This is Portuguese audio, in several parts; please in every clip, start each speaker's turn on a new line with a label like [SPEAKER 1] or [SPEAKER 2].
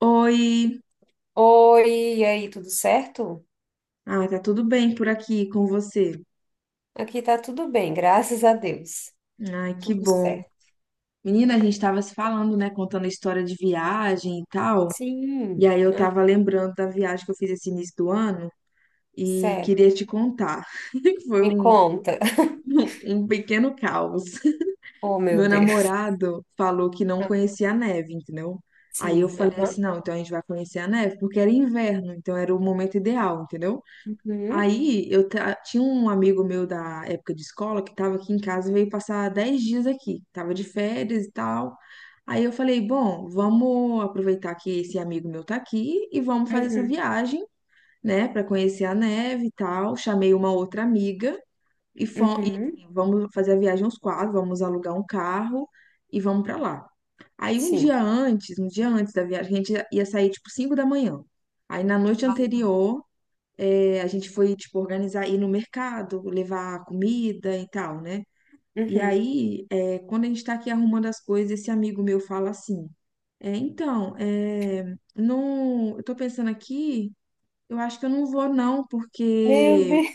[SPEAKER 1] Oi,
[SPEAKER 2] Oi, e aí, tudo certo?
[SPEAKER 1] tá tudo bem por aqui com você?
[SPEAKER 2] Aqui tá tudo bem, graças a Deus.
[SPEAKER 1] Ai, que
[SPEAKER 2] Tudo
[SPEAKER 1] bom.
[SPEAKER 2] certo.
[SPEAKER 1] Menina, a gente tava se falando, né, contando a história de viagem e tal, e
[SPEAKER 2] Sim,
[SPEAKER 1] aí eu
[SPEAKER 2] ah,
[SPEAKER 1] tava lembrando da viagem que eu fiz esse início do ano e
[SPEAKER 2] certo.
[SPEAKER 1] queria te contar. Foi
[SPEAKER 2] Me
[SPEAKER 1] um,
[SPEAKER 2] conta.
[SPEAKER 1] um pequeno caos.
[SPEAKER 2] Oh, meu
[SPEAKER 1] Meu
[SPEAKER 2] Deus.
[SPEAKER 1] namorado falou que não
[SPEAKER 2] Ah,
[SPEAKER 1] conhecia a neve, entendeu? Aí eu
[SPEAKER 2] sim,
[SPEAKER 1] falei
[SPEAKER 2] aham.
[SPEAKER 1] assim, não, então a gente vai conhecer a neve, porque era inverno, então era o momento ideal, entendeu?
[SPEAKER 2] Uhum,
[SPEAKER 1] Aí eu tinha um amigo meu da época de escola que estava aqui em casa e veio passar 10 dias aqui, tava de férias e tal. Aí eu falei, bom, vamos aproveitar que esse amigo meu tá aqui e vamos fazer essa
[SPEAKER 2] uhum,
[SPEAKER 1] viagem, né, para conhecer a neve e tal. Chamei uma outra amiga e,
[SPEAKER 2] uhum,
[SPEAKER 1] assim, vamos fazer a viagem aos quatro, vamos alugar um carro e vamos para lá. Aí
[SPEAKER 2] sim.
[SPEAKER 1] um dia antes da viagem, a gente ia sair tipo 5 da manhã. Aí na noite
[SPEAKER 2] Ah, tá.
[SPEAKER 1] anterior a gente foi, tipo, organizar, ir no mercado, levar comida e tal, né? E
[SPEAKER 2] Uhum.
[SPEAKER 1] aí, quando a gente tá aqui arrumando as coisas, esse amigo meu fala assim, é, então, é, não, eu tô pensando aqui, eu acho que eu não vou não,
[SPEAKER 2] Meu
[SPEAKER 1] porque...
[SPEAKER 2] Deus.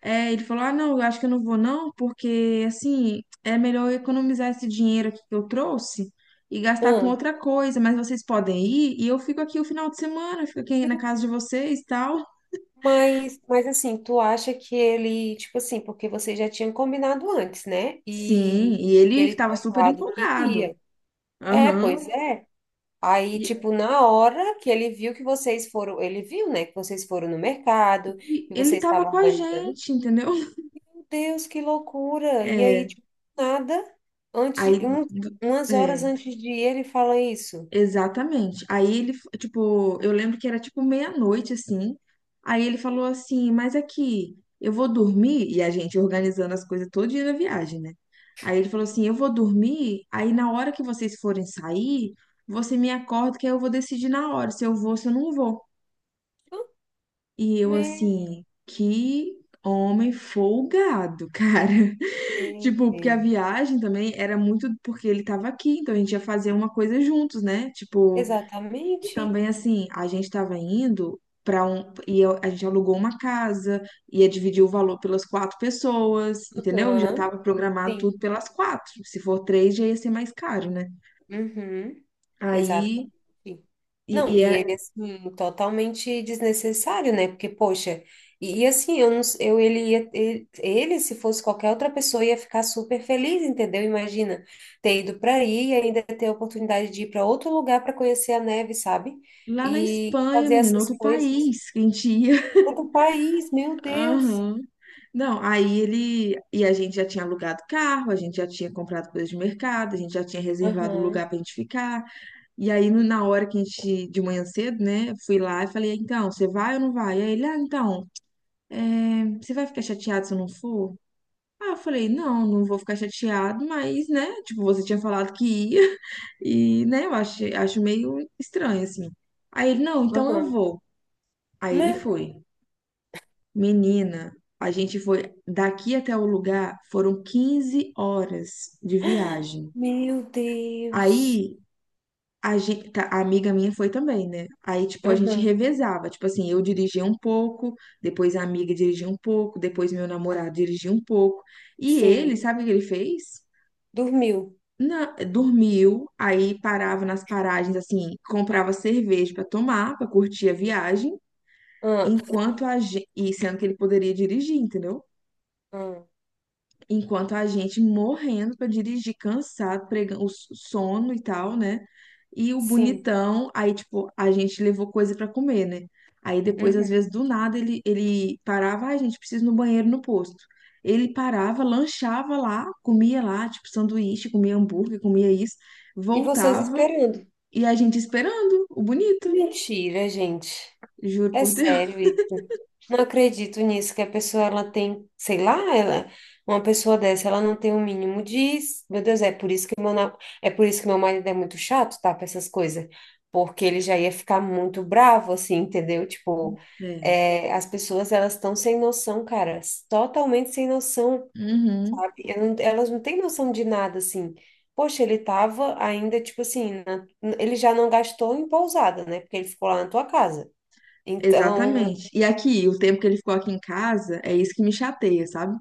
[SPEAKER 1] Ele falou, ah, não, eu acho que eu não vou não, porque, assim, é melhor eu economizar esse dinheiro aqui que eu trouxe e gastar com
[SPEAKER 2] Ah,
[SPEAKER 1] outra coisa, mas vocês podem ir e eu fico aqui o final de semana, eu fico aqui na casa de vocês e tal.
[SPEAKER 2] mas assim, tu acha que ele, tipo assim, porque vocês já tinham combinado antes, né?
[SPEAKER 1] Sim,
[SPEAKER 2] E
[SPEAKER 1] e ele
[SPEAKER 2] ele
[SPEAKER 1] estava
[SPEAKER 2] tinha
[SPEAKER 1] super
[SPEAKER 2] falado que
[SPEAKER 1] empolgado.
[SPEAKER 2] ia. É, pois
[SPEAKER 1] Aham.
[SPEAKER 2] é. Aí,
[SPEAKER 1] E
[SPEAKER 2] tipo, na hora que ele viu que vocês foram, ele viu, né, que vocês foram no mercado,
[SPEAKER 1] e
[SPEAKER 2] que
[SPEAKER 1] ele
[SPEAKER 2] vocês
[SPEAKER 1] estava
[SPEAKER 2] estavam
[SPEAKER 1] com a
[SPEAKER 2] organizando.
[SPEAKER 1] gente, entendeu?
[SPEAKER 2] Meu Deus, que loucura! E aí,
[SPEAKER 1] É,
[SPEAKER 2] tipo, nada, antes,
[SPEAKER 1] aí, do-
[SPEAKER 2] umas horas
[SPEAKER 1] é,
[SPEAKER 2] antes de ir, ele fala isso.
[SPEAKER 1] exatamente. Aí ele, tipo, eu lembro que era tipo meia-noite, assim. Aí ele falou assim, mas aqui, eu vou dormir, e a gente organizando as coisas todo dia da viagem, né? Aí ele falou assim, eu vou dormir, aí na hora que vocês forem sair, você me acorda que aí eu vou decidir na hora se eu vou, se eu não vou.
[SPEAKER 2] "Ah,
[SPEAKER 1] E eu
[SPEAKER 2] Meu
[SPEAKER 1] assim, que homem folgado, cara. Tipo, porque a
[SPEAKER 2] Deus.
[SPEAKER 1] viagem também era muito porque ele tava aqui, então a gente ia fazer uma coisa juntos, né? Tipo, e
[SPEAKER 2] Exatamente.
[SPEAKER 1] também assim, a gente tava indo pra um a gente alugou uma casa, ia dividir o valor pelas quatro pessoas, entendeu? Já
[SPEAKER 2] Aham,
[SPEAKER 1] tava programado
[SPEAKER 2] sim.
[SPEAKER 1] tudo pelas quatro. Se for três, já ia ser mais caro, né?
[SPEAKER 2] Uhum.
[SPEAKER 1] Aí
[SPEAKER 2] Sim. Não,
[SPEAKER 1] e
[SPEAKER 2] e ele,
[SPEAKER 1] é
[SPEAKER 2] assim, totalmente desnecessário, né? Porque, poxa, e assim, eu, não eu ele, ia, ele, se fosse qualquer outra pessoa, ia ficar super feliz, entendeu? Imagina ter ido para aí e ainda ter a oportunidade de ir para outro lugar para conhecer a neve, sabe?
[SPEAKER 1] lá na
[SPEAKER 2] E
[SPEAKER 1] Espanha,
[SPEAKER 2] fazer
[SPEAKER 1] menino,
[SPEAKER 2] essas
[SPEAKER 1] outro
[SPEAKER 2] coisas.
[SPEAKER 1] país, que a gente ia.
[SPEAKER 2] Outro país, meu Deus.
[SPEAKER 1] Aham. Não, aí ele. E a gente já tinha alugado carro, a gente já tinha comprado coisas de mercado, a gente já tinha reservado lugar
[SPEAKER 2] Aham,
[SPEAKER 1] pra gente ficar. E aí, na hora que a gente, de manhã cedo, né, fui lá e falei, "Ah, então, você vai ou não vai?" E aí ele, ah, então, você vai ficar chateado se eu não for? Ah, eu falei, não, não vou ficar chateado, mas, né, tipo, você tinha falado que ia, e, né, eu acho, acho meio estranho, assim. Aí ele, não, então eu
[SPEAKER 2] aham.
[SPEAKER 1] vou. Aí ele
[SPEAKER 2] Me-
[SPEAKER 1] foi. Menina, a gente foi daqui até o lugar, foram 15 horas de viagem.
[SPEAKER 2] Meu Deus.
[SPEAKER 1] Aí a gente, a amiga minha foi também, né? Aí tipo a gente
[SPEAKER 2] Aham,
[SPEAKER 1] revezava, tipo assim, eu dirigia um pouco, depois a amiga dirigia um pouco, depois meu namorado dirigia um pouco. E ele,
[SPEAKER 2] sim.
[SPEAKER 1] sabe o que ele fez?
[SPEAKER 2] Dormiu.
[SPEAKER 1] Dormiu, aí parava nas paragens assim, comprava cerveja pra tomar, pra curtir a viagem,
[SPEAKER 2] Ah,
[SPEAKER 1] enquanto a gente, e sendo que ele poderia dirigir, entendeu?
[SPEAKER 2] ah,
[SPEAKER 1] Enquanto a gente morrendo pra dirigir, cansado, pregando o sono e tal, né? E o
[SPEAKER 2] sim.
[SPEAKER 1] bonitão, aí, tipo, a gente levou coisa pra comer, né? Aí depois, às
[SPEAKER 2] Uhum.
[SPEAKER 1] vezes, do nada, ele parava, ah, gente, precisa ir no banheiro no posto. Ele parava, lanchava lá, comia lá, tipo, sanduíche, comia hambúrguer, comia isso,
[SPEAKER 2] E vocês
[SPEAKER 1] voltava
[SPEAKER 2] esperando.
[SPEAKER 1] e a gente esperando, o bonito,
[SPEAKER 2] Mentira, gente.
[SPEAKER 1] juro
[SPEAKER 2] É
[SPEAKER 1] por Deus.
[SPEAKER 2] sério. Isso. Não acredito nisso que a pessoa ela tem, sei lá, ela, uma pessoa dessa, ela não tem o mínimo de, meu Deus, é por isso que meu, na- é por isso que meu marido é muito chato, tá, para essas coisas, porque ele já ia ficar muito bravo assim, entendeu? Tipo,
[SPEAKER 1] É.
[SPEAKER 2] é, as pessoas elas estão sem noção, cara, totalmente sem noção.
[SPEAKER 1] Uhum.
[SPEAKER 2] Sabe? Eu não- elas não têm noção de nada, assim. Poxa, ele tava ainda, tipo assim, ele já não gastou em pousada, né? Porque ele ficou lá na tua casa. Então,
[SPEAKER 1] Exatamente. E aqui, o tempo que ele ficou aqui em casa, é isso que me chateia, sabe?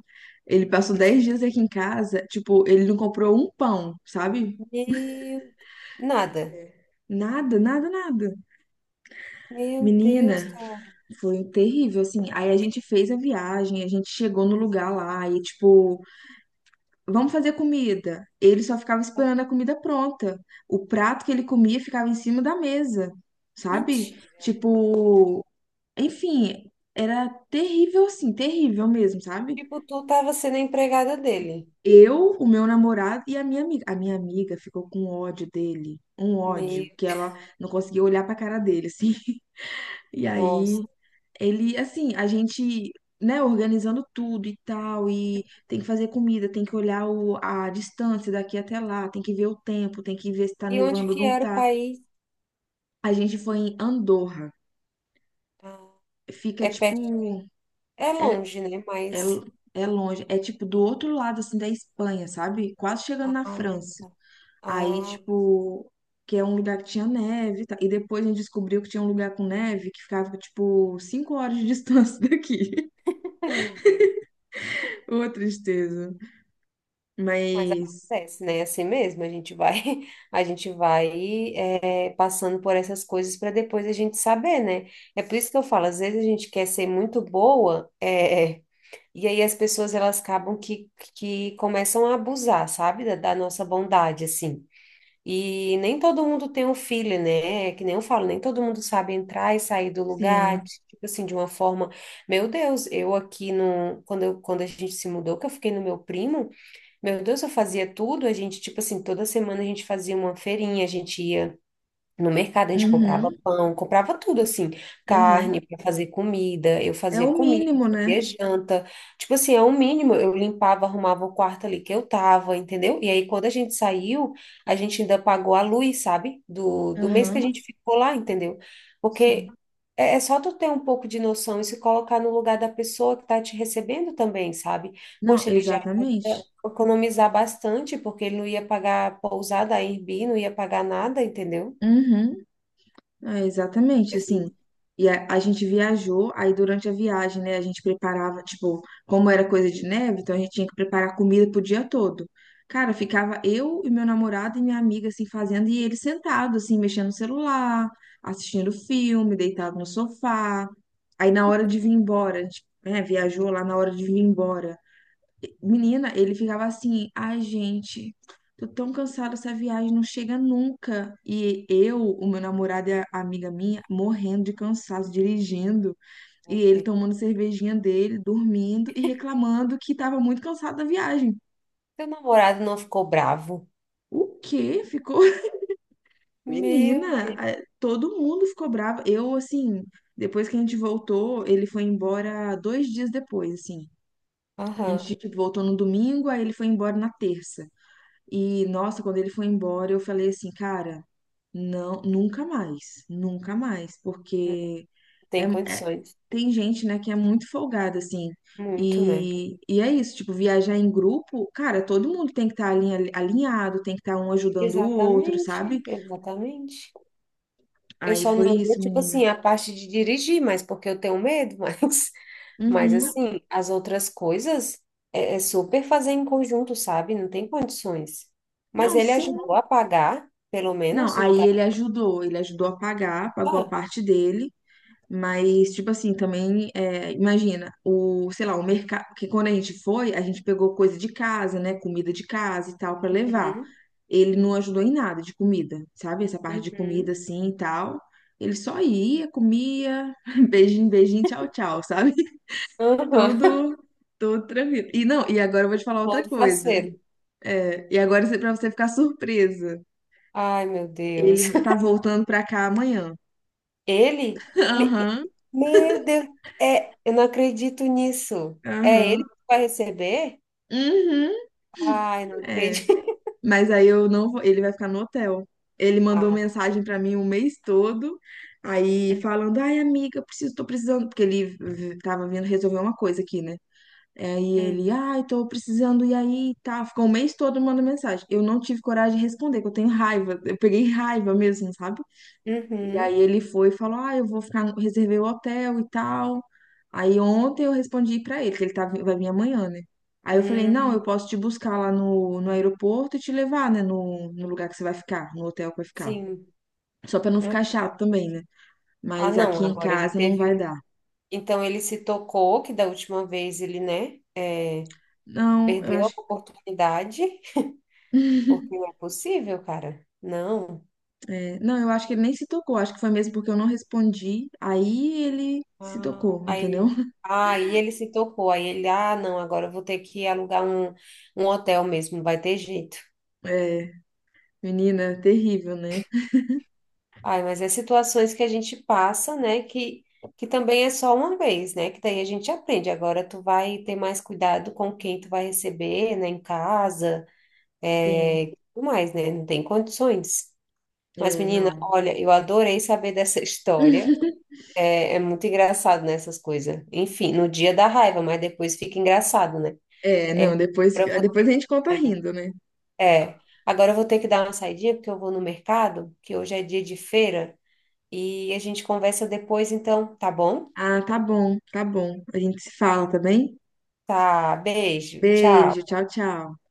[SPEAKER 1] Ele passou 10 dias aqui em casa, tipo, ele não comprou um pão, sabe?
[SPEAKER 2] meu, nada.
[SPEAKER 1] Nada, nada, nada.
[SPEAKER 2] Meu Deus,
[SPEAKER 1] Menina,
[SPEAKER 2] cara.
[SPEAKER 1] foi terrível, assim. Aí a gente fez a viagem, a gente chegou no lugar lá e, tipo, vamos fazer comida. Ele só ficava esperando a comida pronta. O prato que ele comia ficava em cima da mesa, sabe?
[SPEAKER 2] Mentira.
[SPEAKER 1] Tipo, enfim, era terrível, assim, terrível mesmo, sabe?
[SPEAKER 2] Tipo, tu tava sendo a empregada dele.
[SPEAKER 1] Eu, o meu namorado e a minha amiga. A minha amiga ficou com ódio dele, um
[SPEAKER 2] Meu,
[SPEAKER 1] ódio, que ela não conseguia olhar pra cara dele, assim. E aí,
[SPEAKER 2] nossa.
[SPEAKER 1] ele, assim, a gente, né, organizando tudo e tal, e tem que fazer comida, tem que olhar a distância daqui até lá, tem que ver o tempo, tem que ver se tá
[SPEAKER 2] E onde
[SPEAKER 1] nevando ou
[SPEAKER 2] que
[SPEAKER 1] não
[SPEAKER 2] era o
[SPEAKER 1] tá.
[SPEAKER 2] país?
[SPEAKER 1] A gente foi em Andorra.
[SPEAKER 2] Ah,
[SPEAKER 1] Fica,
[SPEAKER 2] é perto,
[SPEAKER 1] tipo,
[SPEAKER 2] é
[SPEAKER 1] é,
[SPEAKER 2] longe, né?
[SPEAKER 1] é,
[SPEAKER 2] Mas,
[SPEAKER 1] é longe, é tipo do outro lado, assim, da Espanha, sabe? Quase chegando na
[SPEAKER 2] ah,
[SPEAKER 1] França. Aí,
[SPEAKER 2] ah,
[SPEAKER 1] tipo, que é um lugar que tinha neve, e tal. E depois a gente descobriu que tinha um lugar com neve que ficava, tipo, cinco horas de distância daqui.
[SPEAKER 2] ai, meu Deus.
[SPEAKER 1] Ô, tristeza.
[SPEAKER 2] Mas
[SPEAKER 1] Mas,
[SPEAKER 2] acontece, né? Assim mesmo, a gente vai, a gente vai é, passando por essas coisas para depois a gente saber, né? É por isso que eu falo, às vezes a gente quer ser muito boa, é, e aí as pessoas elas acabam que começam a abusar, sabe? Da nossa bondade, assim. E nem todo mundo tem um filho, né? É que nem eu falo, nem todo mundo sabe entrar e sair do lugar,
[SPEAKER 1] sim.
[SPEAKER 2] tipo assim, de uma forma. Meu Deus, eu aqui no, quando a gente se mudou, que eu fiquei no meu primo. Meu Deus, eu fazia tudo, a gente, tipo assim, toda semana a gente fazia uma feirinha, a gente ia no mercado, a gente
[SPEAKER 1] Uhum,
[SPEAKER 2] comprava pão, comprava tudo assim,
[SPEAKER 1] uhum.
[SPEAKER 2] carne para fazer comida, eu
[SPEAKER 1] É
[SPEAKER 2] fazia
[SPEAKER 1] o
[SPEAKER 2] comida,
[SPEAKER 1] mínimo, né?
[SPEAKER 2] fazia janta. Tipo assim, é o mínimo, eu limpava, arrumava o quarto ali que eu tava, entendeu? E aí quando a gente saiu, a gente ainda pagou a luz, sabe? Do mês que a
[SPEAKER 1] Aham,
[SPEAKER 2] gente ficou lá, entendeu?
[SPEAKER 1] sim.
[SPEAKER 2] Porque é só tu ter um pouco de noção e se colocar no lugar da pessoa que tá te recebendo também, sabe?
[SPEAKER 1] Não,
[SPEAKER 2] Poxa, ele já
[SPEAKER 1] exatamente.
[SPEAKER 2] ia economizar bastante porque ele não ia pagar pousada, Airbnb, não ia pagar nada, entendeu?
[SPEAKER 1] Uhum. É, exatamente, assim.
[SPEAKER 2] Assim,
[SPEAKER 1] E a gente viajou, aí durante a viagem, né, a gente preparava, tipo, como era coisa de neve, então a gente tinha que preparar comida pro dia todo. Cara, ficava eu e meu namorado e minha amiga, assim, fazendo, e ele sentado, assim, mexendo no celular, assistindo filme, deitado no sofá. Aí na hora de vir embora, a gente, né, viajou lá na hora de vir embora. Menina, ele ficava assim, ai, gente, tô tão cansado dessa viagem, não chega nunca. E eu, o meu namorado e a amiga minha, morrendo de cansaço, dirigindo, e
[SPEAKER 2] meu
[SPEAKER 1] ele
[SPEAKER 2] Deus.
[SPEAKER 1] tomando cervejinha dele, dormindo e reclamando que tava muito cansado da viagem.
[SPEAKER 2] Seu namorado não ficou bravo?
[SPEAKER 1] O quê? Ficou.
[SPEAKER 2] Meu
[SPEAKER 1] Menina,
[SPEAKER 2] Deus.
[SPEAKER 1] todo mundo ficou bravo. Eu, assim, depois que a gente voltou, ele foi embora 2 dias depois, assim. A gente,
[SPEAKER 2] Aham.
[SPEAKER 1] tipo, voltou no domingo, aí ele foi embora na terça. E, nossa, quando ele foi embora, eu falei assim, cara, não, nunca mais, nunca mais,
[SPEAKER 2] Não
[SPEAKER 1] porque é,
[SPEAKER 2] tem
[SPEAKER 1] é-
[SPEAKER 2] condições.
[SPEAKER 1] tem gente, né, que é muito folgada, assim,
[SPEAKER 2] Muito, né?
[SPEAKER 1] e é isso, tipo, viajar em grupo, cara, todo mundo tem que estar alinhado, tem que estar um ajudando o outro, sabe?
[SPEAKER 2] Exatamente, exatamente. Eu
[SPEAKER 1] Aí
[SPEAKER 2] só
[SPEAKER 1] foi
[SPEAKER 2] não ia,
[SPEAKER 1] isso,
[SPEAKER 2] tipo
[SPEAKER 1] menina.
[SPEAKER 2] assim, a parte de dirigir, mas porque eu tenho medo, mas
[SPEAKER 1] Uhum.
[SPEAKER 2] assim, as outras coisas é super fazer em conjunto, sabe? Não tem condições. Mas
[SPEAKER 1] Não,
[SPEAKER 2] ele ajudou
[SPEAKER 1] sim.
[SPEAKER 2] a pagar, pelo
[SPEAKER 1] Não,
[SPEAKER 2] menos, o
[SPEAKER 1] aí
[SPEAKER 2] lugar.
[SPEAKER 1] ele ajudou a pagar, pagou a
[SPEAKER 2] Ah,
[SPEAKER 1] parte dele. Mas, tipo assim, também, é, imagina, o, sei lá, o mercado, que quando a gente foi, a gente pegou coisa de casa, né, comida de casa e tal, pra levar.
[SPEAKER 2] uhum,
[SPEAKER 1] Ele não ajudou em nada de comida, sabe? Essa parte de
[SPEAKER 2] uhum.
[SPEAKER 1] comida assim e tal. Ele só ia, comia, beijinho, beijinho, tchau, tchau, sabe?
[SPEAKER 2] Aham.
[SPEAKER 1] Todo, todo tranquilo. E não, e agora eu vou te falar outra
[SPEAKER 2] Todo
[SPEAKER 1] coisa.
[SPEAKER 2] faceiro.
[SPEAKER 1] É, e agora pra você ficar surpresa,
[SPEAKER 2] Ai, meu Deus.
[SPEAKER 1] ele tá voltando pra cá amanhã.
[SPEAKER 2] Ele? Me-
[SPEAKER 1] Aham,
[SPEAKER 2] Meu Deus, é, eu não acredito nisso. É ele
[SPEAKER 1] aham.
[SPEAKER 2] que vai receber?
[SPEAKER 1] Uhum,
[SPEAKER 2] Ai, não
[SPEAKER 1] é.
[SPEAKER 2] acredito.
[SPEAKER 1] Mas aí eu não vou, ele vai ficar no hotel. Ele mandou
[SPEAKER 2] Ah,
[SPEAKER 1] mensagem pra mim o mês todo, aí
[SPEAKER 2] hum,
[SPEAKER 1] falando: "Ai, amiga, preciso, tô precisando", porque ele tava vindo resolver uma coisa aqui, né? É, aí
[SPEAKER 2] hum,
[SPEAKER 1] ele: "Ai, tô precisando e aí, tá". Ficou o mês todo mandando mensagem. Eu não tive coragem de responder, que eu tenho raiva. Eu peguei raiva mesmo, sabe? E
[SPEAKER 2] uhum,
[SPEAKER 1] aí ele foi e falou: "Ah, eu vou ficar, reservei o hotel e tal". Aí ontem eu respondi pra ele que ele tá, vai vir amanhã, né? Aí eu falei: "Não, eu
[SPEAKER 2] hum,
[SPEAKER 1] posso te buscar lá no aeroporto e te levar, né, no lugar que você vai ficar, no hotel que vai ficar".
[SPEAKER 2] sim.
[SPEAKER 1] Só pra não
[SPEAKER 2] Né?
[SPEAKER 1] ficar chato também, né?
[SPEAKER 2] Ah,
[SPEAKER 1] Mas
[SPEAKER 2] não,
[SPEAKER 1] aqui em
[SPEAKER 2] agora ele
[SPEAKER 1] casa não
[SPEAKER 2] teve
[SPEAKER 1] vai
[SPEAKER 2] um.
[SPEAKER 1] dar.
[SPEAKER 2] Então ele se tocou, que da última vez ele, né, é,
[SPEAKER 1] Não, eu
[SPEAKER 2] perdeu a
[SPEAKER 1] acho.
[SPEAKER 2] oportunidade, porque não é possível, cara. Não.
[SPEAKER 1] É, não, eu acho que ele nem se tocou, acho que foi mesmo porque eu não respondi, aí ele se
[SPEAKER 2] Ah,
[SPEAKER 1] tocou, entendeu?
[SPEAKER 2] aí, aí ele se tocou, aí ele, ah, não, agora eu vou ter que alugar um hotel mesmo, não vai ter jeito.
[SPEAKER 1] É, menina, terrível, né?
[SPEAKER 2] Ai, mas é situações que a gente passa, né? Que também é só uma vez, né? Que daí a gente aprende. Agora tu vai ter mais cuidado com quem tu vai receber, né? Em casa,
[SPEAKER 1] Sim,
[SPEAKER 2] é, tudo mais, né? Não tem condições. Mas,
[SPEAKER 1] é,
[SPEAKER 2] menina,
[SPEAKER 1] não.
[SPEAKER 2] olha, eu adorei saber dessa história. É, é muito engraçado, né? Essas coisas. Enfim, no dia da raiva, mas depois fica engraçado, né?
[SPEAKER 1] É,
[SPEAKER 2] É, agora
[SPEAKER 1] não, depois,
[SPEAKER 2] eu vou-
[SPEAKER 1] depois a gente conta rindo, né?
[SPEAKER 2] é. Agora eu vou ter que dar uma saidinha, porque eu vou no mercado, que hoje é dia de feira. E a gente conversa depois, então, tá bom?
[SPEAKER 1] Ah, tá bom, tá bom. A gente se fala, tá bem?
[SPEAKER 2] Tá, beijo,
[SPEAKER 1] Beijo,
[SPEAKER 2] tchau.
[SPEAKER 1] tchau, tchau.